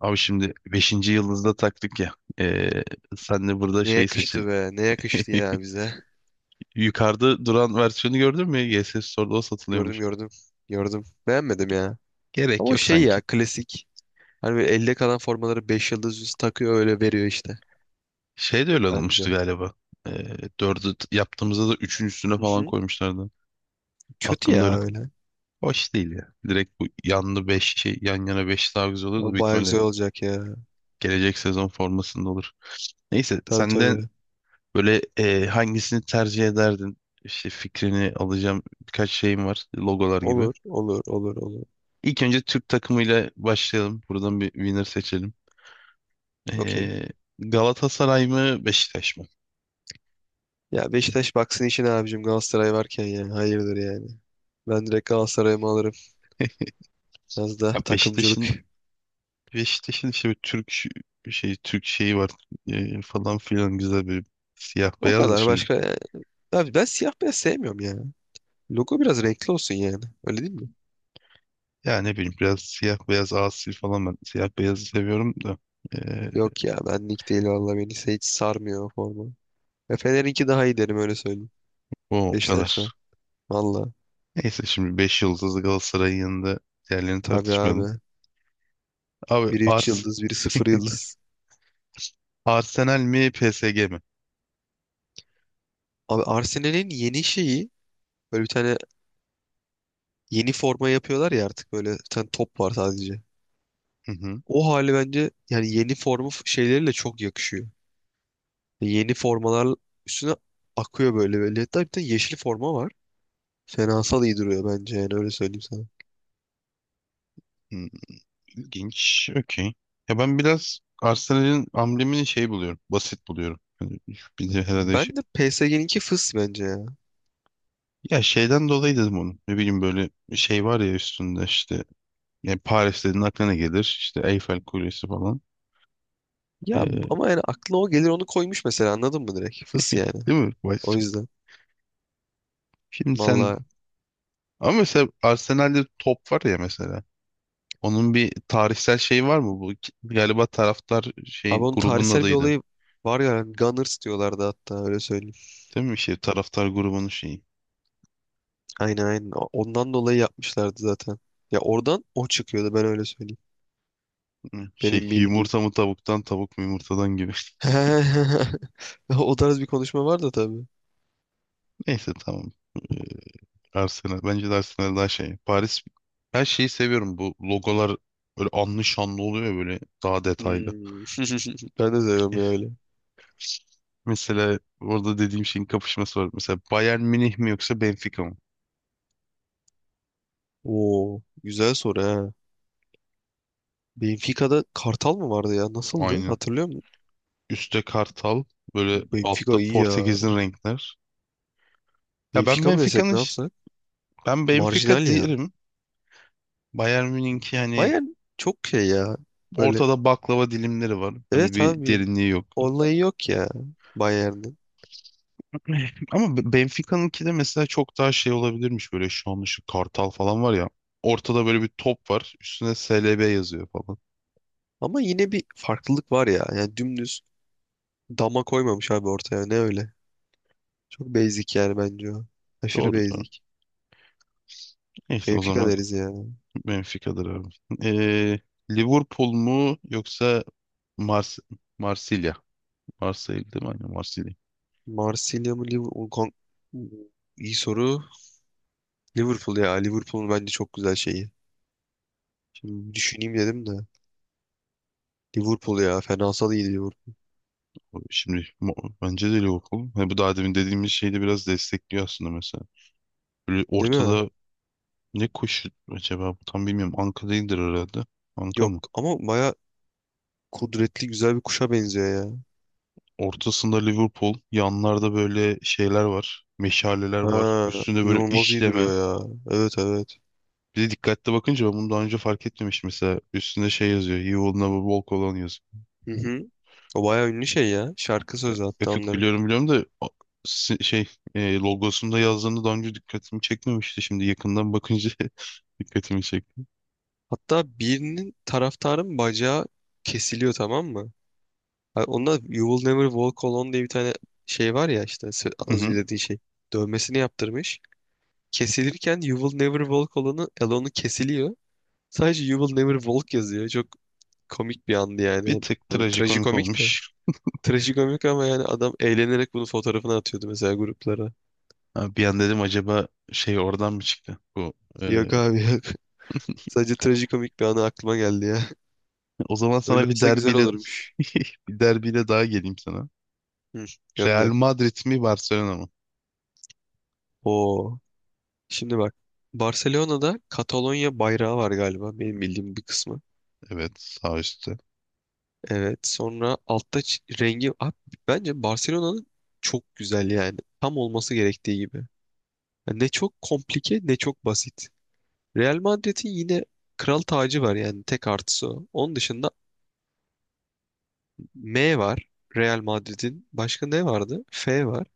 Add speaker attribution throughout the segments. Speaker 1: Abi şimdi beşinci yıldızda taktık ya. Ee, Sen de burada
Speaker 2: Ne
Speaker 1: şey seçelim.
Speaker 2: yakıştı be. Ne yakıştı ya bize.
Speaker 1: Yukarıda duran versiyonu gördün mü? G S Store'da o
Speaker 2: Gördüm
Speaker 1: satılıyormuş.
Speaker 2: gördüm. Gördüm. Beğenmedim ya.
Speaker 1: Gerek
Speaker 2: Ama
Speaker 1: yok
Speaker 2: şey
Speaker 1: sanki.
Speaker 2: ya klasik. Hani böyle elde kalan formaları 5 yıldız üstü takıyor öyle veriyor işte.
Speaker 1: Şey de öyle olmuştu
Speaker 2: Bence.
Speaker 1: galiba. Dördü yaptığımızda da üçün üstüne
Speaker 2: Hı
Speaker 1: falan
Speaker 2: hı.
Speaker 1: koymuşlardı.
Speaker 2: Kötü
Speaker 1: Aklımda
Speaker 2: ya
Speaker 1: öyle.
Speaker 2: öyle.
Speaker 1: Hoş değil ya. Direkt bu yanlı 5 şey yan yana 5 daha güzel olur da
Speaker 2: Ama baya
Speaker 1: bitmeli.
Speaker 2: güzel olacak ya.
Speaker 1: Gelecek sezon formasında olur. Neyse
Speaker 2: Tabii
Speaker 1: senden
Speaker 2: tabii.
Speaker 1: böyle hangisini tercih ederdin? İşte fikrini alacağım birkaç şeyim var. Logolar gibi.
Speaker 2: Olur olur olur olur.
Speaker 1: İlk önce Türk takımıyla başlayalım. Buradan bir winner seçelim.
Speaker 2: Okey.
Speaker 1: Ee, Galatasaray mı Beşiktaş mı?
Speaker 2: Ya Beşiktaş baksın işine abicim Galatasaray varken ya. Hayırdır yani. Ben direkt Galatasaray'ımı alırım. Biraz da
Speaker 1: Ya
Speaker 2: takımcılık.
Speaker 1: Beşiktaş'ın işte bir şey Türk şeyi var, falan filan, güzel bir siyah
Speaker 2: O
Speaker 1: beyaz da
Speaker 2: kadar
Speaker 1: şimdi,
Speaker 2: başka yani. Abi ben siyah beyaz sevmiyorum ya. Logo biraz renkli olsun yani. Öyle değil mi?
Speaker 1: ya ne bileyim, biraz siyah beyaz asi falan, ben siyah beyazı seviyorum da ee,
Speaker 2: Yok ya benlik değil valla hiç sarmıyor o forma. Ya Fener'inki daha iyi derim öyle söyleyeyim.
Speaker 1: o kadar.
Speaker 2: Beşiktaş'tan. Valla.
Speaker 1: Neyse şimdi 5 yıldızlı Galatasaray'ın yanında diğerlerini
Speaker 2: Tabii abi.
Speaker 1: tartışmayalım. Abi
Speaker 2: Biri 3 yıldız, biri sıfır yıldız.
Speaker 1: Arsenal mi PSG mi?
Speaker 2: Abi Arsenal'in yeni şeyi böyle bir tane yeni forma yapıyorlar ya artık böyle bir tane top var sadece.
Speaker 1: Hı hı.
Speaker 2: O hali bence yani yeni formu şeyleriyle çok yakışıyor. Yeni formalar üstüne akıyor böyle böyle. Hatta bir tane yeşil forma var. Fenasal iyi duruyor bence yani öyle söyleyeyim sana.
Speaker 1: Hı. İlginç. Okey. Ya ben biraz Arsenal'in amblemini şey buluyorum. Basit buluyorum. Hani bizim herhalde
Speaker 2: Ben
Speaker 1: şey.
Speaker 2: de PSG'ninki fıs bence ya.
Speaker 1: Ya şeyden dolayı dedim onu. Ne bileyim, böyle şey var ya üstünde işte. Yani Paris dediğin aklına gelir. İşte Eiffel Kulesi falan.
Speaker 2: Ya
Speaker 1: Ee,
Speaker 2: ama yani aklına o gelir onu koymuş mesela anladın mı direkt? Fıs yani.
Speaker 1: değil mi?
Speaker 2: O yüzden.
Speaker 1: Şimdi sen
Speaker 2: Vallahi.
Speaker 1: ama mesela Arsenal'de top var ya mesela. Onun bir tarihsel şeyi var mı? Bu galiba taraftar
Speaker 2: Abi
Speaker 1: şeyin
Speaker 2: onun
Speaker 1: grubunun
Speaker 2: tarihsel bir
Speaker 1: adıydı.
Speaker 2: olayı var ya yani Gunners diyorlardı hatta öyle söyleyeyim.
Speaker 1: Değil mi? Şey taraftar grubunun şeyi.
Speaker 2: Aynen aynen. Ondan dolayı yapmışlardı zaten. Ya oradan o çıkıyordu ben öyle söyleyeyim.
Speaker 1: Hı, şey
Speaker 2: Benim bildiğim.
Speaker 1: yumurta mı tavuktan tavuk mu yumurtadan gibi.
Speaker 2: O tarz bir konuşma var da tabii.
Speaker 1: Neyse tamam. Ee, Arsenal. Bence de Arsenal daha şey. Paris her şeyi seviyorum. Bu logolar böyle anlı şanlı oluyor ya, böyle daha detaylı.
Speaker 2: Hmm. Ben de seviyorum ya öyle.
Speaker 1: Mesela orada dediğim şeyin kapışması var. Mesela Bayern Münih mi yoksa Benfica mı?
Speaker 2: Oo, güzel soru ha. Benfica'da Kartal mı vardı ya? Nasıldı?
Speaker 1: Aynen.
Speaker 2: Hatırlıyor musun?
Speaker 1: Üstte Kartal, böyle
Speaker 2: Benfica
Speaker 1: altta
Speaker 2: iyi ya.
Speaker 1: Portekiz'in renkler. Ya ben
Speaker 2: Benfica mı desek ne yapsak?
Speaker 1: Ben Benfica
Speaker 2: Marjinal ya.
Speaker 1: derim. Bayern Münih'inki hani
Speaker 2: Bayern çok şey ya. Böyle
Speaker 1: ortada baklava dilimleri var. Hani
Speaker 2: evet
Speaker 1: bir
Speaker 2: abi
Speaker 1: derinliği yok.
Speaker 2: olayı yok ya Bayern'in.
Speaker 1: Eh, ama Benfica'nınki de mesela çok daha şey olabilirmiş, böyle şu an şu Kartal falan var ya. Ortada böyle bir top var. Üstüne SLB yazıyor falan.
Speaker 2: Ama yine bir farklılık var ya. Yani dümdüz dama koymamış abi ortaya. Ne öyle? Çok basic yani bence o. Aşırı
Speaker 1: Doğru doğru.
Speaker 2: basic.
Speaker 1: İşte o
Speaker 2: Benfica
Speaker 1: zaman
Speaker 2: deriz ya.
Speaker 1: Benfica'dır abi. Ee, Liverpool mu yoksa Mars Marsilya? Marsilya değil mi? Aynen Marsilya.
Speaker 2: Marsilya mı Liverpool? İyi soru. Liverpool ya. Liverpool'un bence çok güzel şeyi. Şimdi düşüneyim dedim de. Liverpool ya. Fenasal iyi Liverpool.
Speaker 1: Şimdi bence de Liverpool. Ha, bu daha demin dediğimiz şeyi de biraz destekliyor aslında mesela. Böyle
Speaker 2: Değil mi?
Speaker 1: ortada ne koşu acaba? Tam bilmiyorum. Anka değildir herhalde. Anka
Speaker 2: Yok
Speaker 1: mı?
Speaker 2: ama baya kudretli güzel bir kuşa benziyor.
Speaker 1: Ortasında Liverpool, yanlarda böyle şeyler var, meşaleler
Speaker 2: Ha,
Speaker 1: var. Üstünde böyle
Speaker 2: inanılmaz iyi
Speaker 1: işleme.
Speaker 2: duruyor ya. Evet evet.
Speaker 1: Bir de dikkatli bakınca ben bunu daha önce fark etmemiştim mesela. Üstünde şey yazıyor, He will never walk alone yazıyor.
Speaker 2: Hı hı. O bayağı ünlü şey ya. Şarkı
Speaker 1: Ya,
Speaker 2: sözü hatta
Speaker 1: yok yok,
Speaker 2: onların.
Speaker 1: biliyorum biliyorum da şey, logosunda yazdığını daha önce dikkatimi çekmemişti. Şimdi yakından bakınca dikkatimi çekti.
Speaker 2: Hatta birinin taraftarın bacağı kesiliyor tamam mı? Ha, onda You Will Never Walk Alone diye bir tane şey var ya işte
Speaker 1: Hı
Speaker 2: az önce
Speaker 1: hı.
Speaker 2: dediğin şey. Dövmesini yaptırmış. Kesilirken You Will Never Walk Alone'u kesiliyor. Sadece You Will Never Walk yazıyor. Çok komik bir andı
Speaker 1: Bir
Speaker 2: yani.
Speaker 1: tık
Speaker 2: Tabii
Speaker 1: trajikomik
Speaker 2: trajikomik de.
Speaker 1: olmuş.
Speaker 2: Trajikomik ama yani adam eğlenerek bunu fotoğrafına atıyordu mesela gruplara.
Speaker 1: Ha, bir an dedim, acaba şey oradan mı çıktı bu? e,
Speaker 2: Yok abi. Sadece trajikomik bir anı aklıma geldi ya.
Speaker 1: O zaman
Speaker 2: Öyle
Speaker 1: sana bir
Speaker 2: olsa güzel
Speaker 1: derbiyle
Speaker 2: olurmuş.
Speaker 1: bir derbiyle daha geleyim sana.
Speaker 2: Hı,
Speaker 1: Real
Speaker 2: gönder.
Speaker 1: Madrid mi Barcelona mı?
Speaker 2: Oo. Şimdi bak. Barcelona'da Katalonya bayrağı var galiba. Benim bildiğim bir kısmı.
Speaker 1: Evet, sağ üstte.
Speaker 2: Evet. Sonra altta rengi... Abi, bence Barcelona'nın çok güzel yani. Tam olması gerektiği gibi. Yani ne çok komplike ne çok basit. Real Madrid'in yine kral tacı var yani. Tek artısı o. Onun dışında M var. Real Madrid'in. Başka ne vardı? F var.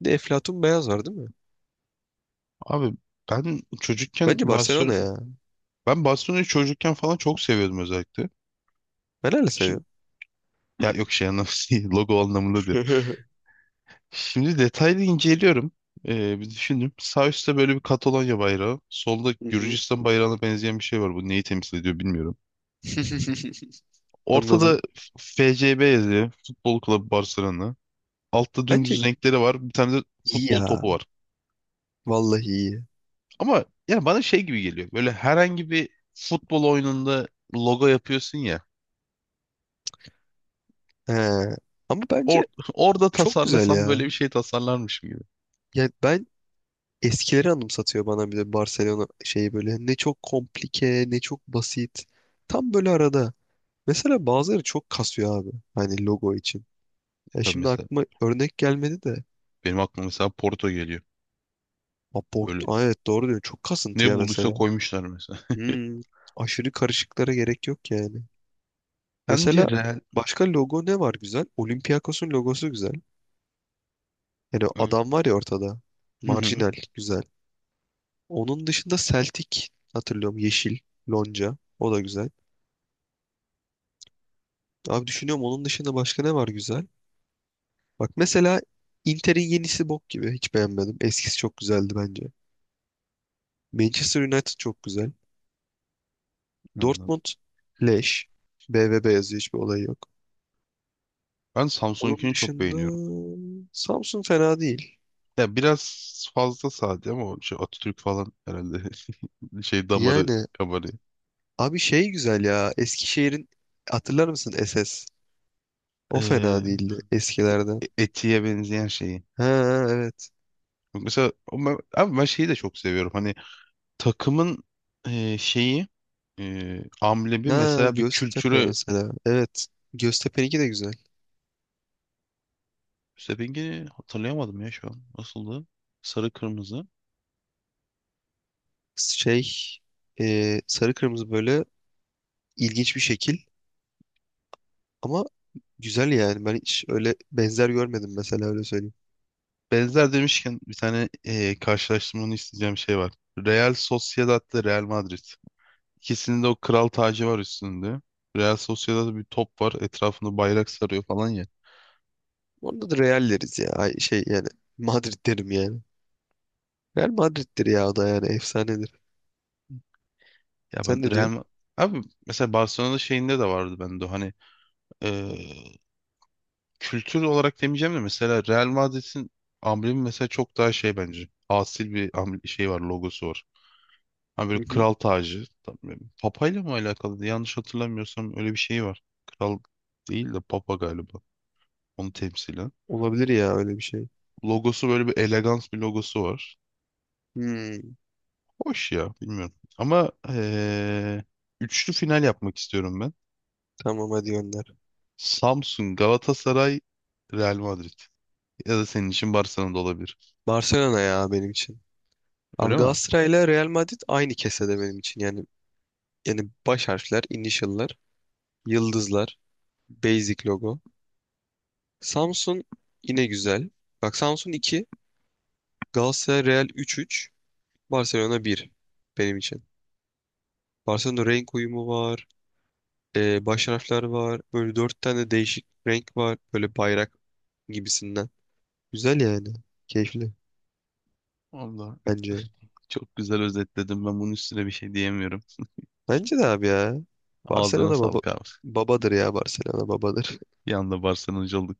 Speaker 2: Bir de Eflatun Beyaz var değil mi?
Speaker 1: Abi ben çocukken
Speaker 2: Bence
Speaker 1: Barcelona,
Speaker 2: Barcelona ya.
Speaker 1: ben Barcelona'yı çocukken falan çok seviyordum özellikle.
Speaker 2: Ben öyle
Speaker 1: Şimdi
Speaker 2: seviyorum.
Speaker 1: ya yok, şey anlamında logo anlamında diyorum. Şimdi detaylı inceliyorum. Bir düşündüm. Sağ üstte böyle bir Katalonya bayrağı. Solda
Speaker 2: Hı hı.
Speaker 1: Gürcistan bayrağına benzeyen bir şey var. Bu neyi temsil ediyor bilmiyorum. Ortada
Speaker 2: Anladım.
Speaker 1: FCB yazıyor. Futbol Kulübü Barcelona. Altta
Speaker 2: Bence
Speaker 1: dümdüz renkleri var. Bir tane de
Speaker 2: iyi
Speaker 1: futbol
Speaker 2: ya.
Speaker 1: topu var.
Speaker 2: Vallahi iyi.
Speaker 1: Ama yani bana şey gibi geliyor. Böyle herhangi bir futbol oyununda logo yapıyorsun ya.
Speaker 2: He. Ama
Speaker 1: Or
Speaker 2: bence
Speaker 1: orada
Speaker 2: çok güzel
Speaker 1: tasarlasam
Speaker 2: ya.
Speaker 1: böyle bir şey tasarlarmışım gibi. E
Speaker 2: Yani ben eskileri anımsatıyor bana bir de Barcelona şeyi böyle. Ne çok komplike, ne çok basit. Tam böyle arada. Mesela bazıları çok kasıyor abi. Hani logo için. Ya
Speaker 1: tabii,
Speaker 2: şimdi
Speaker 1: mesela
Speaker 2: aklıma örnek gelmedi de.
Speaker 1: benim aklıma mesela Porto geliyor.
Speaker 2: Aport.
Speaker 1: Böyle
Speaker 2: Aa, evet doğru diyorsun. Çok kasıntı
Speaker 1: ne
Speaker 2: ya
Speaker 1: bulduysa
Speaker 2: mesela.
Speaker 1: koymuşlar mesela.
Speaker 2: Hmm. Aşırı karışıklara gerek yok yani.
Speaker 1: Bence
Speaker 2: Mesela
Speaker 1: Real...
Speaker 2: başka logo ne var güzel? Olympiakos'un logosu güzel. Yani o adam var ya ortada.
Speaker 1: Hı hı,
Speaker 2: Marjinal güzel. Onun dışında Celtic hatırlıyorum yeşil lonca. O da güzel. Abi düşünüyorum onun dışında başka ne var güzel? Bak mesela Inter'in yenisi bok gibi. Hiç beğenmedim. Eskisi çok güzeldi bence. Manchester United çok güzel.
Speaker 1: anladım.
Speaker 2: Dortmund leş. BVB yazıyor hiçbir olayı yok.
Speaker 1: Ben
Speaker 2: Onun
Speaker 1: Samsung'unkini çok
Speaker 2: dışında
Speaker 1: beğeniyorum.
Speaker 2: Samsun fena değil.
Speaker 1: Ya biraz fazla sade ama o şey Atatürk falan herhalde şey damarı
Speaker 2: Yani
Speaker 1: kabarıyor.
Speaker 2: abi şey güzel ya. Eskişehir'in hatırlar mısın SS? O fena
Speaker 1: Ee,
Speaker 2: değildi eskilerden.
Speaker 1: Etiye benzeyen şeyi.
Speaker 2: Ha ha, evet.
Speaker 1: Mesela ama, ben, abi ben şeyi de çok seviyorum. Hani takımın şeyi, amblemi
Speaker 2: Ha
Speaker 1: mesela bir
Speaker 2: Göztepe
Speaker 1: kültüre,
Speaker 2: mesela. Evet. Göztepe'ninki de güzel.
Speaker 1: rengi hatırlayamadım ya şu an. Nasıldı? Sarı kırmızı.
Speaker 2: Şey sarı kırmızı böyle ilginç bir şekil ama güzel yani. Ben hiç öyle benzer görmedim mesela öyle söyleyeyim.
Speaker 1: Benzer demişken bir tane, karşılaştırmanı isteyeceğim şey var. Real Sociedad'la Real Madrid. İkisinin de o kral tacı var üstünde. Real Sociedad'da bir top var. Etrafında bayrak sarıyor falan ya.
Speaker 2: Onda da Real deriz ya. Ay, şey yani Madrid derim yani. Real Madrid'dir ya o da yani efsanedir.
Speaker 1: Ya ben
Speaker 2: Sen ne
Speaker 1: Real
Speaker 2: diyorsun?
Speaker 1: Ma- Abi mesela Barcelona'da şeyinde de vardı bende o, hani kültür olarak demeyeceğim de mesela Real Madrid'in amblemi mesela çok daha şey bence. Asil bir şey var, logosu var. Hani böyle
Speaker 2: Hı hı.
Speaker 1: kral tacı. Böyle Papayla mı alakalı? Yanlış hatırlamıyorsam öyle bir şey var. Kral değil de papa galiba. Onu temsilen.
Speaker 2: Olabilir ya öyle bir şey.
Speaker 1: Logosu böyle bir elegans bir logosu var.
Speaker 2: Hmm,
Speaker 1: Hoş ya, bilmiyorum. Ama üçlü final yapmak istiyorum ben.
Speaker 2: tamam hadi gönder.
Speaker 1: Samsun, Galatasaray, Real Madrid. Ya da senin için Barcelona da olabilir.
Speaker 2: Barcelona ya benim için.
Speaker 1: Öyle
Speaker 2: Abi
Speaker 1: mi?
Speaker 2: Galatasaray ile Real Madrid aynı kesede benim için. Yani baş harfler, initial'lar, yıldızlar, basic logo. Samsun yine güzel. Bak Samsun 2, Galatasaray Real üç üç, Barcelona bir. Benim için. Barcelona renk uyumu var, baş harfler var, böyle 4 tane değişik renk var, böyle bayrak gibisinden. Güzel yani, keyifli
Speaker 1: Allah.
Speaker 2: bence.
Speaker 1: Çok güzel özetledim. Ben bunun üstüne bir şey diyemiyorum.
Speaker 2: Bence de abi ya.
Speaker 1: Ağzına
Speaker 2: Barcelona baba
Speaker 1: sağlık abi.
Speaker 2: babadır ya Barcelona babadır.
Speaker 1: Bir anda Barcelona'cı olduk.